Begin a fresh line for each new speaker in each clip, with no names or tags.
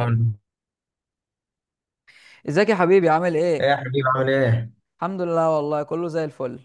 عامل
ازيك يا حبيبي، عامل
ايه
ايه؟
يا حبيبي عامل ايه؟
الحمد لله، والله كله زي الفل.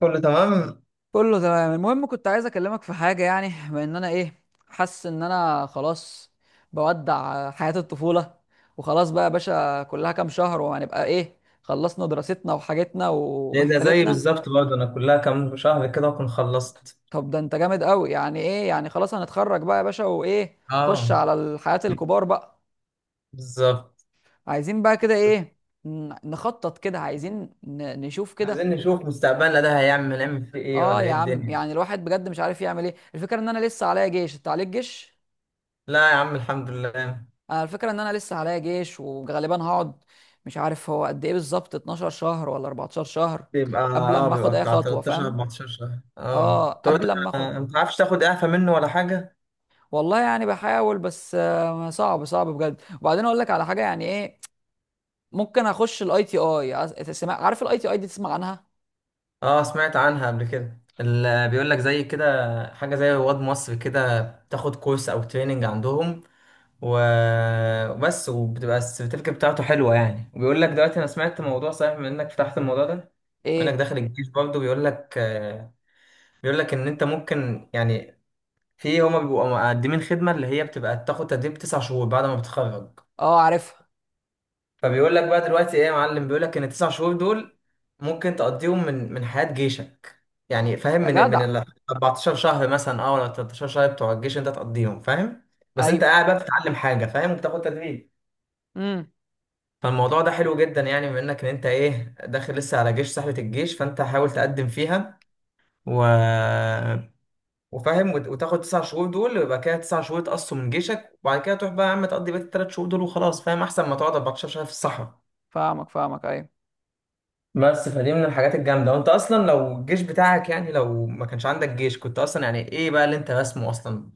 كله تمام؟
كله تمام. المهم كنت عايز اكلمك في حاجه، يعني بما ان انا ايه حاسس ان انا خلاص بودع حياه الطفوله. وخلاص بقى يا باشا، كلها كام شهر وهنبقى ايه خلصنا دراستنا وحاجتنا
ايه ده زي
ومحتلتنا.
بالظبط برضه، انا كلها كام شهر كده اكون خلصت.
طب ده انت جامد قوي، يعني ايه يعني، خلاص هنتخرج بقى يا باشا، وايه نخش
اه
على الحياه الكبار بقى.
بالظبط.
عايزين بقى كده ايه، نخطط كده، عايزين نشوف كده.
عايزين نشوف مستقبلنا ده هيعمل نعمل فيه ايه،
اه
ولا ايه
يا عم،
الدنيا؟
يعني الواحد بجد مش عارف يعمل ايه، الفكره ان انا لسه عليا جيش، انت عليك جيش.
لا يا عم الحمد لله.
انا الفكره ان انا لسه عليا جيش وغالبا هقعد، مش عارف هو قد ايه بالظبط، 12 شهر ولا 14 شهر،
بيبقى
قبل
اه
ما اخد
بيبقى
اي
بتاع
خطوه
13
فاهم.
14 شهر
اه
تقعد.
قبل ما اخد.
ما تعرفش تاخد اعفاء منه ولا حاجة؟
والله يعني بحاول، بس صعب صعب بجد. وبعدين اقول لك على حاجه يعني ايه، ممكن اخش الاي تي اي. عارف الاي تي اي دي؟ تسمع عنها؟
اه سمعت عنها قبل كده، اللي بيقول لك زي كده حاجة زي رواد مصر كده، تاخد كورس او تريننج عندهم. وبس، وبتبقى السيرتيفيكت بتاعته حلوه يعني. وبيقول لك دلوقتي، انا سمعت موضوع صحيح من انك فتحت الموضوع ده، وانك
ايه؟
داخل الجيش برضه، بيقول لك ان انت ممكن يعني في هما بيبقوا مقدمين خدمه، اللي هي بتبقى بتاخد تدريب تسع شهور بعد ما بتتخرج.
اه عارفها.
فبيقول لك بقى دلوقتي ايه يا معلم، بيقول لك ان التسع شهور دول ممكن تقضيهم من حياه جيشك. يعني فاهم،
يا
من
جدع.
ال 14 شهر مثلا ولا 13 شهر بتوع الجيش انت تقضيهم فاهم. بس انت
ايوه.
قاعد بقى بتتعلم حاجه فاهم، وبتاخد تدريب.
امم
فالموضوع ده حلو جدا يعني، بما انك ان انت ايه، داخل لسه على جيش، سحلة الجيش، فانت حاول تقدم فيها. و... وتاخد تسع شهور دول، ويبقى كده تسع شهور تقصوا من جيشك، وبعد كده تروح بقى يا عم تقضي بقية التلات شهور دول وخلاص فاهم، احسن ما تقعد 14 شهر في الصحراء.
فاهمك فاهمك، ايوه.
بس فدي من الحاجات الجامدة، وانت اصلا لو الجيش بتاعك يعني، لو ما كانش عندك جيش كنت اصلا يعني ايه بقى اللي انت رسمه اصلا؟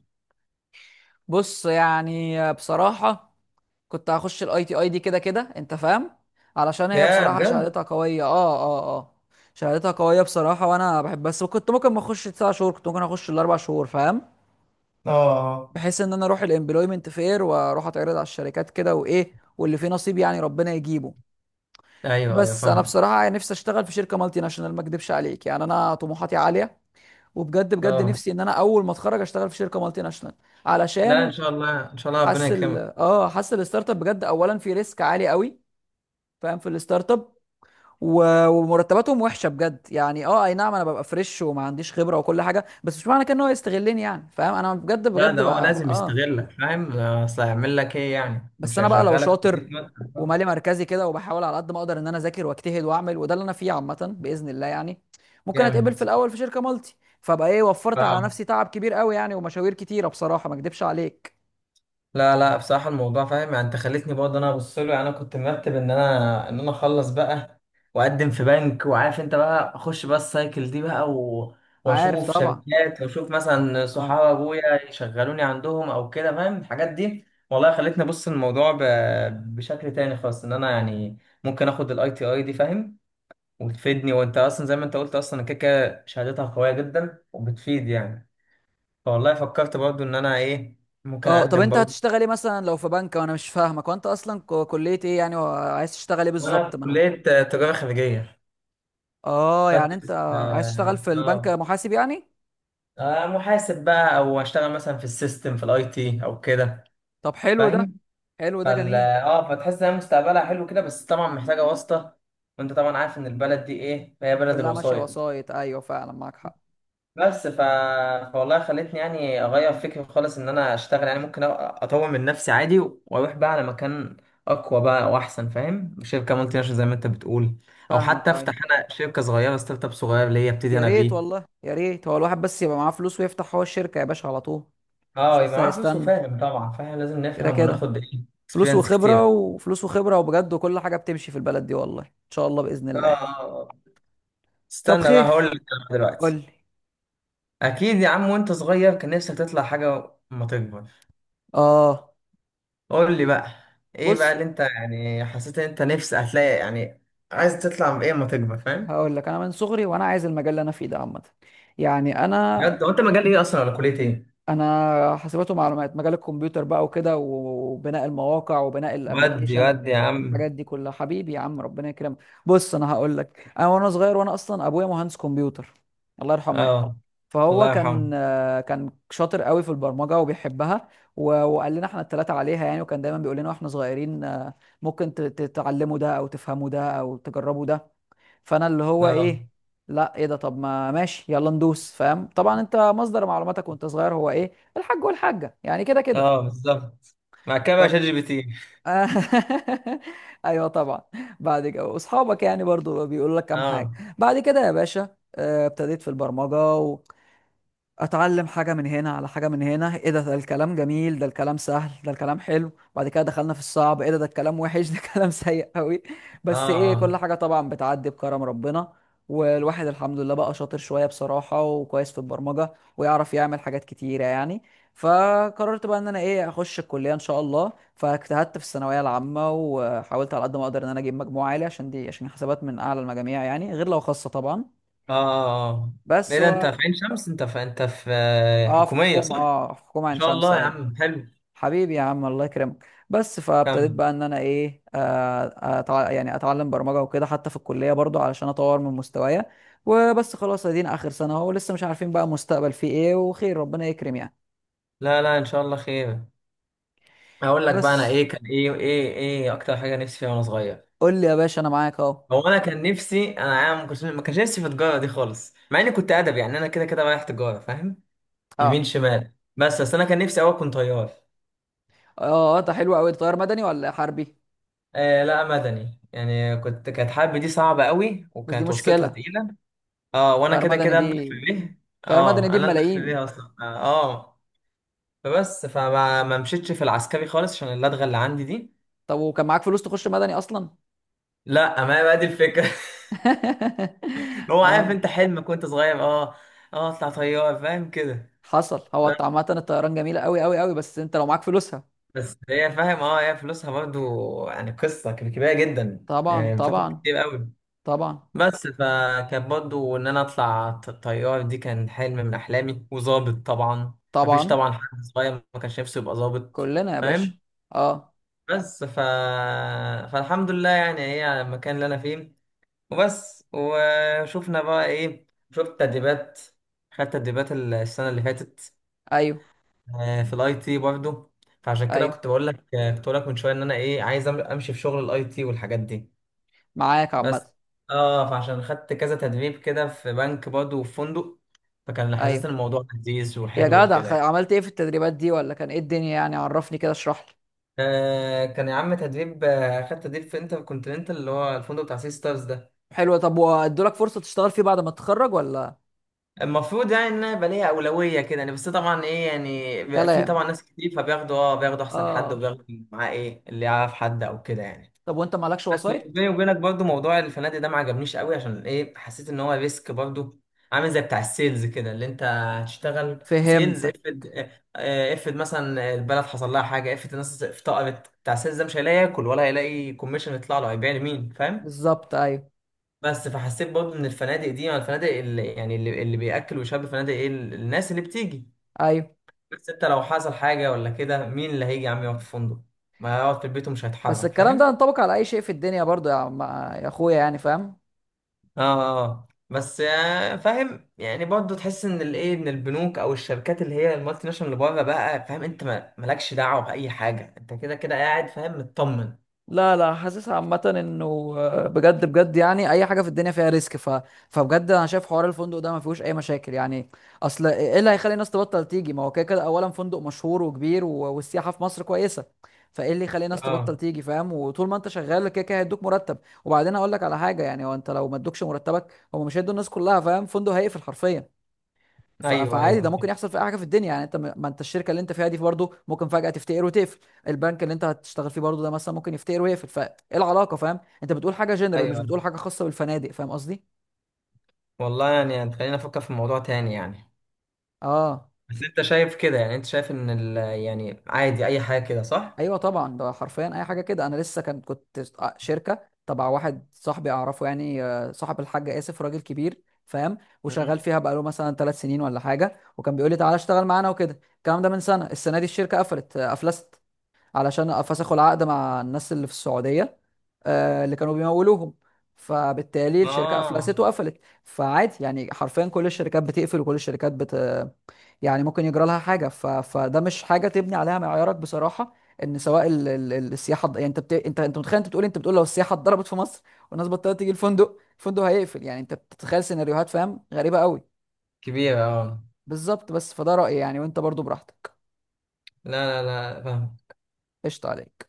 بص، يعني بصراحه كنت هخش الاي تي اي دي كده كده، انت فاهم، علشان هي
يا
بصراحه
بجد.
شهادتها قويه. اه شهادتها قويه بصراحه، وانا بحب، بس كنت ممكن ما اخش تسع شهور، كنت ممكن اخش الاربع شهور فاهم.
اه
بحيث ان انا اروح الامبلويمنت فير، واروح اتعرض على الشركات كده وايه، واللي فيه نصيب يعني ربنا يجيبه.
ايوه ايوه
بس انا
فاهمك.
بصراحه نفسي اشتغل في شركه مالتي ناشونال، ما اكدبش عليك، يعني انا طموحاتي عاليه، وبجد بجد
اه،
نفسي ان انا اول ما اتخرج اشتغل في شركه مالتي ناشونال.
لا ان
علشان
شاء الله ان شاء الله ربنا
حاسس
يكرمك.
حاسس الستارت اب بجد، اولا في ريسك عالي قوي فاهم، في الستارت اب، ومرتباتهم وحشه بجد. يعني اه اي نعم، انا ببقى فريش وما عنديش خبره وكل حاجه، بس مش معنى كده ان هو يستغلني يعني، فاهم، انا بجد
لا
بجد
ده هو
بقى
لازم
اه.
يستغلك فاهم، اصل هيعمل لك ايه يعني؟
بس
مش
انا بقى لو
هيشغلك
شاطر
يديك مثلا.
ومالي مركزي كده، وبحاول على قد ما اقدر ان انا اذاكر واجتهد واعمل، وده اللي انا فيه عامه باذن الله يعني. ممكن اتقبل
جامد.
في الاول في شركه مالتي، فبقى ايه وفرت على
ف-
نفسي تعب كبير قوي يعني، ومشاوير كتيره بصراحه، ما اكدبش عليك.
لا لا بصراحه الموضوع فاهم يعني، انت خليتني برضه انا ابص له. يعني انا كنت مرتب ان انا اخلص بقى، واقدم في بنك، وعارف انت بقى اخش بقى السايكل دي بقى.
عارف
واشوف
طبعا.
شركات، واشوف مثلا
اه.
صحاب ابويا يشغلوني عندهم او كده، فاهم الحاجات دي. والله خلتني ابص الموضوع بشكل تاني خالص، ان انا يعني ممكن اخد الاي تي اي دي فاهم، وتفيدني. وانت اصلا زي ما انت قلت، اصلا كده كده شهادتها قويه جدا وبتفيد يعني. فوالله فكرت برضو ان انا ايه، ممكن
اه طب
اقدم
انت
برضو.
هتشتغل ايه مثلا لو في بنك، وانا مش فاهمك، وانت اصلا كليه ايه يعني، وعايز تشتغل ايه
وانا
بالظبط،
في
ما انا.
كليه تجاره خارجيه
اه يعني انت
بدرس
عايز تشتغل
اه
في البنك محاسب يعني.
محاسب بقى، او اشتغل مثلا في السيستم في الاي تي او كده
طب حلو ده.
فاهم.
حلو ده،
فال
جميل.
اه فتحس ان هي مستقبلها حلو كده، بس طبعا محتاجه واسطه. وانت طبعا عارف ان البلد دي ايه، هي بلد
كلها ماشيه
الوسائط.
وسايط، ايوه فعلا معاك حق.
بس فوالله خلتني يعني اغير فكري خالص، ان انا اشتغل يعني ممكن اطور من نفسي عادي، واروح بقى على مكان اقوى بقى واحسن فاهم، شركه مالتي ناشونال زي ما انت بتقول. او
فاهمك،
حتى
ايوه.
افتح انا شركه صغيره، ستارت اب صغير ليا ابتدي
يا
انا
ريت
بيه.
والله يا ريت، هو الواحد بس يبقى معاه فلوس ويفتح هو الشركه يا باشا على طول. مش
اه يبقى
لسه
معاه فلوس
هيستنى.
وفاهم طبعا فاهم، لازم
كده
نفهم
كده
وناخد ايه
فلوس
اكسبيرينس
وخبره
كتير.
وفلوس وخبره، وبجد وكل حاجه بتمشي في البلد دي، والله ان شاء الله باذن الله يعني.
اه،
طب
استنى بقى هقول
خير،
لك أنا
قول
دلوقتي.
لي.
اكيد يا عم، وانت صغير كان نفسك تطلع حاجه ما تكبر؟
اه.
قول لي بقى، ايه بقى
بص،
اللي انت يعني حسيت ان انت نفسك هتلاقي يعني، عايز تطلع بايه اما تكبر فاهم؟
هقول لك انا من صغري وانا عايز المجال اللي انا فيه ده عامه. يعني انا
بجد، هو انت مجال ايه اصلا ولا كليه ايه؟
انا حاسبات ومعلومات، مجال الكمبيوتر بقى وكده، وبناء المواقع وبناء
ودي
الابليكيشن.
ودي يا عم.
الحاجات دي كلها حبيبي يا عم ربنا يكرمك. بص انا هقول لك، انا وانا صغير، وانا اصلا ابويا مهندس كمبيوتر، الله يرحمه يعني.
اه
فهو
الله يرحمه.
كان كان شاطر قوي في البرمجه وبيحبها. وقال لنا احنا الثلاثه عليها يعني، وكان دايما بيقول لنا واحنا صغيرين، ممكن تتعلموا ده او تفهموا ده او تجربوا ده. فانا اللي هو
اه
ايه، لا ايه ده، طب ما ماشي يلا ندوس، فاهم طبعا، انت مصدر معلوماتك وانت صغير هو ايه الحاج والحاجه يعني، كده كده.
اه بالظبط. مع كده
ف...
بقى شات جي بي تي.
ايوه طبعا. بعد كده واصحابك يعني برضو بيقولوا لك كام حاجه.
اه
بعد كده يا باشا، ابتديت في البرمجه، اتعلم حاجه من هنا على حاجه من هنا، ايه ده الكلام جميل، ده الكلام سهل، ده الكلام حلو. بعد كده دخلنا في الصعب، ايه ده الكلام وحش، ده كلام سيء قوي.
اه
بس ايه، كل
اه
حاجه طبعا بتعدي بكرم ربنا. والواحد الحمد لله بقى شاطر شويه بصراحه، وكويس في البرمجه، ويعرف يعمل حاجات كتيره يعني. فقررت بقى ان انا ايه اخش الكليه ان شاء الله، فاجتهدت في الثانويه العامه، وحاولت على قد ما اقدر ان انا اجيب مجموع عالي عشان دي، عشان حسابات من اعلى المجاميع يعني، غير لو خاصه طبعا.
اه اه،
بس
ايه ده انت في عين شمس، انت في
اه في
حكوميه
حكومه،
صح؟ ان
اه في حكومه عين
شاء
شمس
الله يا
أيوة.
عم حلو.
حبيبي يا عم الله يكرمك. بس فابتديت
كمل.
بقى ان انا ايه، يعني اتعلم برمجه وكده حتى في الكليه برضو علشان اطور من مستوايا. وبس خلاص، ادينا اخر سنه اهو، لسه مش عارفين بقى مستقبل فيه ايه، وخير ربنا يكرم يعني.
لا لا ان شاء الله خير. هقول لك بقى انا
بس
ايه كان ايه اكتر حاجه نفسي فيها وانا صغير.
قول لي يا باشا، انا معاك اهو.
هو انا كان نفسي انا ما كانش نفسي في التجاره دي خالص، مع اني كنت ادبي يعني. انا كده كده رايح تجاره فاهم يمين
اه.
شمال، بس انا كان نفسي اوي اكون طيار.
اه ده حلو قوي، طيار مدني ولا حربي؟
آه لا مدني، يعني كانت حرب دي صعبه قوي،
بس دي
وكانت وسطتها
مشكله.
تقيله. اه، وانا
طيار
كده
مدني
كده
دي،
اندخ في بيه.
طيار مدني
اه،
دي
انا اندخ في
بملايين.
بيه اصلا اه آه. فبس، فما ما مشيتش في العسكري خالص، عشان اللدغه اللي عندي دي.
طب وكان معاك فلوس تخش مدني اصلا؟
لا ما هي بقى دي الفكره. هو
اه
عارف، انت حلمك وانت صغير اه، اه اطلع طيار فاهم كده.
حصل، هو عامة الطيران جميلة قوي قوي قوي، بس انت لو معاك فلوسها.
بس هي فاهم اه، هي فلوسها برضو يعني قصة كبيرة جدا
طبعا
يعني، بتاخد
طبعا.
كتير قوي.
طبعا
بس فكان برضو ان انا اطلع طيار، دي كان حلم من احلامي. وظابط طبعا، مفيش
طبعا
طبعا حد صغير ما كانش نفسه يبقى ظابط
كلنا يا باشا.
فاهم.
اه.
بس فالحمد لله يعني، هي على المكان اللي انا فيه. وبس وشوفنا بقى ايه، شفت تدريبات، خدت تدريبات السنة اللي فاتت
ايوه
في الاي تي برضه. فعشان كده
ايوه،
كنت بقول لك كنت بقول لك من شويه، ان انا ايه عايز امشي في شغل الاي تي والحاجات دي.
معاك
بس
عامة.
اه، فعشان خدت كذا تدريب كده، في بنك برضه وفي فندق. فكان
ايوه
حاسس ان الموضوع لذيذ
يا
وحلو
جدع،
وكده يعني.
عملت ايه في التدريبات دي، ولا كان ايه الدنيا يعني، عرفني كده، اشرح لي.
آه كان يا عم تدريب، خدت تدريب في انتر كونتيننتال، اللي هو الفندق بتاع سي ستارز ده.
حلو، طب وادولك فرصة تشتغل فيه بعد ما تتخرج ولا؟
المفروض يعني ان انا يبقى ليا اولويه كده يعني، بس طبعا ايه يعني، بيبقى في
كلام.
طبعا ناس كتير، فبياخدوا اه بياخدوا احسن حد،
اه،
وبياخدوا معاه ايه اللي يعرف حد او كده يعني.
طب وانت مالكش
بس
وسايط؟
بيني وبينك برضو، موضوع الفنادق ده ما عجبنيش قوي، عشان ايه، حسيت ان هو ريسك برضو، عامل زي بتاع السيلز كده، اللي انت هتشتغل سيلز.
فهمتك.
افرض مثلا البلد حصل لها حاجه، افرض الناس افتقرت، بتاع السيلز ده مش هيلاقي ياكل، ولا هيلاقي كوميشن يطلع له، هيبيع لمين فاهم؟
بالظبط. ايوه
بس فحسيت برضو ان الفنادق دي يعني الفنادق اللي يعني، اللي بياكل ويشرب الفنادق، ايه، الناس اللي بتيجي.
ايوه.
بس انت لو حصل حاجه ولا كده، مين اللي هيجي يا عم يقعد في فندق؟ ما هيقعد في البيت ومش
بس
هيتحرك
الكلام ده
فاهم.
ينطبق على اي شيء في الدنيا برضو، يا عم يا اخويا يعني، فاهم؟
اه آه. بس فاهم يعني برضه، تحس ان الايه، ان البنوك او الشركات اللي هي المالتي ناشونال اللي بره بقى فاهم، انت مالكش دعوه باي حاجه، انت كده كده قاعد فاهم مطمن.
لا لا. حاسس عامة انه بجد بجد، يعني اي حاجة في الدنيا فيها ريسك. فبجد انا شايف حوار الفندق ده ما فيهوش اي مشاكل يعني. اصل ايه، إيه اللي هيخلي الناس تبطل تيجي؟ ما هو كده كده اولا فندق مشهور وكبير والسياحة في مصر كويسة، فايه اللي يخلي الناس تبطل
اه
تيجي فاهم، وطول ما انت شغال كده كده هيدوك مرتب. وبعدين اقول لك على حاجة يعني، هو انت لو ما ادوكش مرتبك، هم مش هيدوا الناس كلها فاهم، فندق هيقفل حرفيا.
ايوه
فعادي، ده
ايوه
ممكن يحصل في اي حاجه في الدنيا يعني، انت ما انت الشركه اللي انت فيها دي برضه ممكن فجاه تفتقر وتقفل. البنك اللي انت هتشتغل فيه برضه ده مثلا ممكن يفتقر ويقفل، فايه العلاقه؟ فاهم؟ انت بتقول حاجه جنرال،
ايوه
مش
ايوه.
بتقول حاجه خاصه بالفنادق، فاهم قصدي.
والله يعني خلينا نفكر في الموضوع تاني يعني.
اه
بس انت شايف كده يعني، انت شايف ان ال، يعني عادي اي حاجه كده صح؟
ايوه طبعا، ده حرفيا اي حاجه كده. انا لسه كنت شركه تبع واحد صاحبي اعرفه يعني، صاحب الحاج اسف، راجل كبير فاهم، وشغال
مم.
فيها بقاله مثلا ثلاث سنين ولا حاجه، وكان بيقول لي تعالى اشتغل معانا وكده، الكلام ده من سنه. السنه دي الشركه قفلت، افلست، علشان فسخوا العقد مع الناس اللي في السعودية، اللي كانوا بيمولوهم، فبالتالي الشركة أفلست
اه
وقفلت. فعادي يعني، حرفيا كل الشركات بتقفل وكل الشركات بت، يعني ممكن يجرى لها حاجة. فده مش حاجة تبني عليها معيارك بصراحة، ان سواء السياحة يعني انت انت متخيل، انت بتقول إيه؟ انت بتقول لو السياحة اتضربت في مصر، والناس بطلت تيجي، الفندق هيقفل، يعني انت بتتخيل سيناريوهات فاهم، غريبة قوي.
كبيره اه.
بالظبط. بس فده رأيي يعني، وانت برضو براحتك.
لا لا لا فاهم.
قشطة عليك.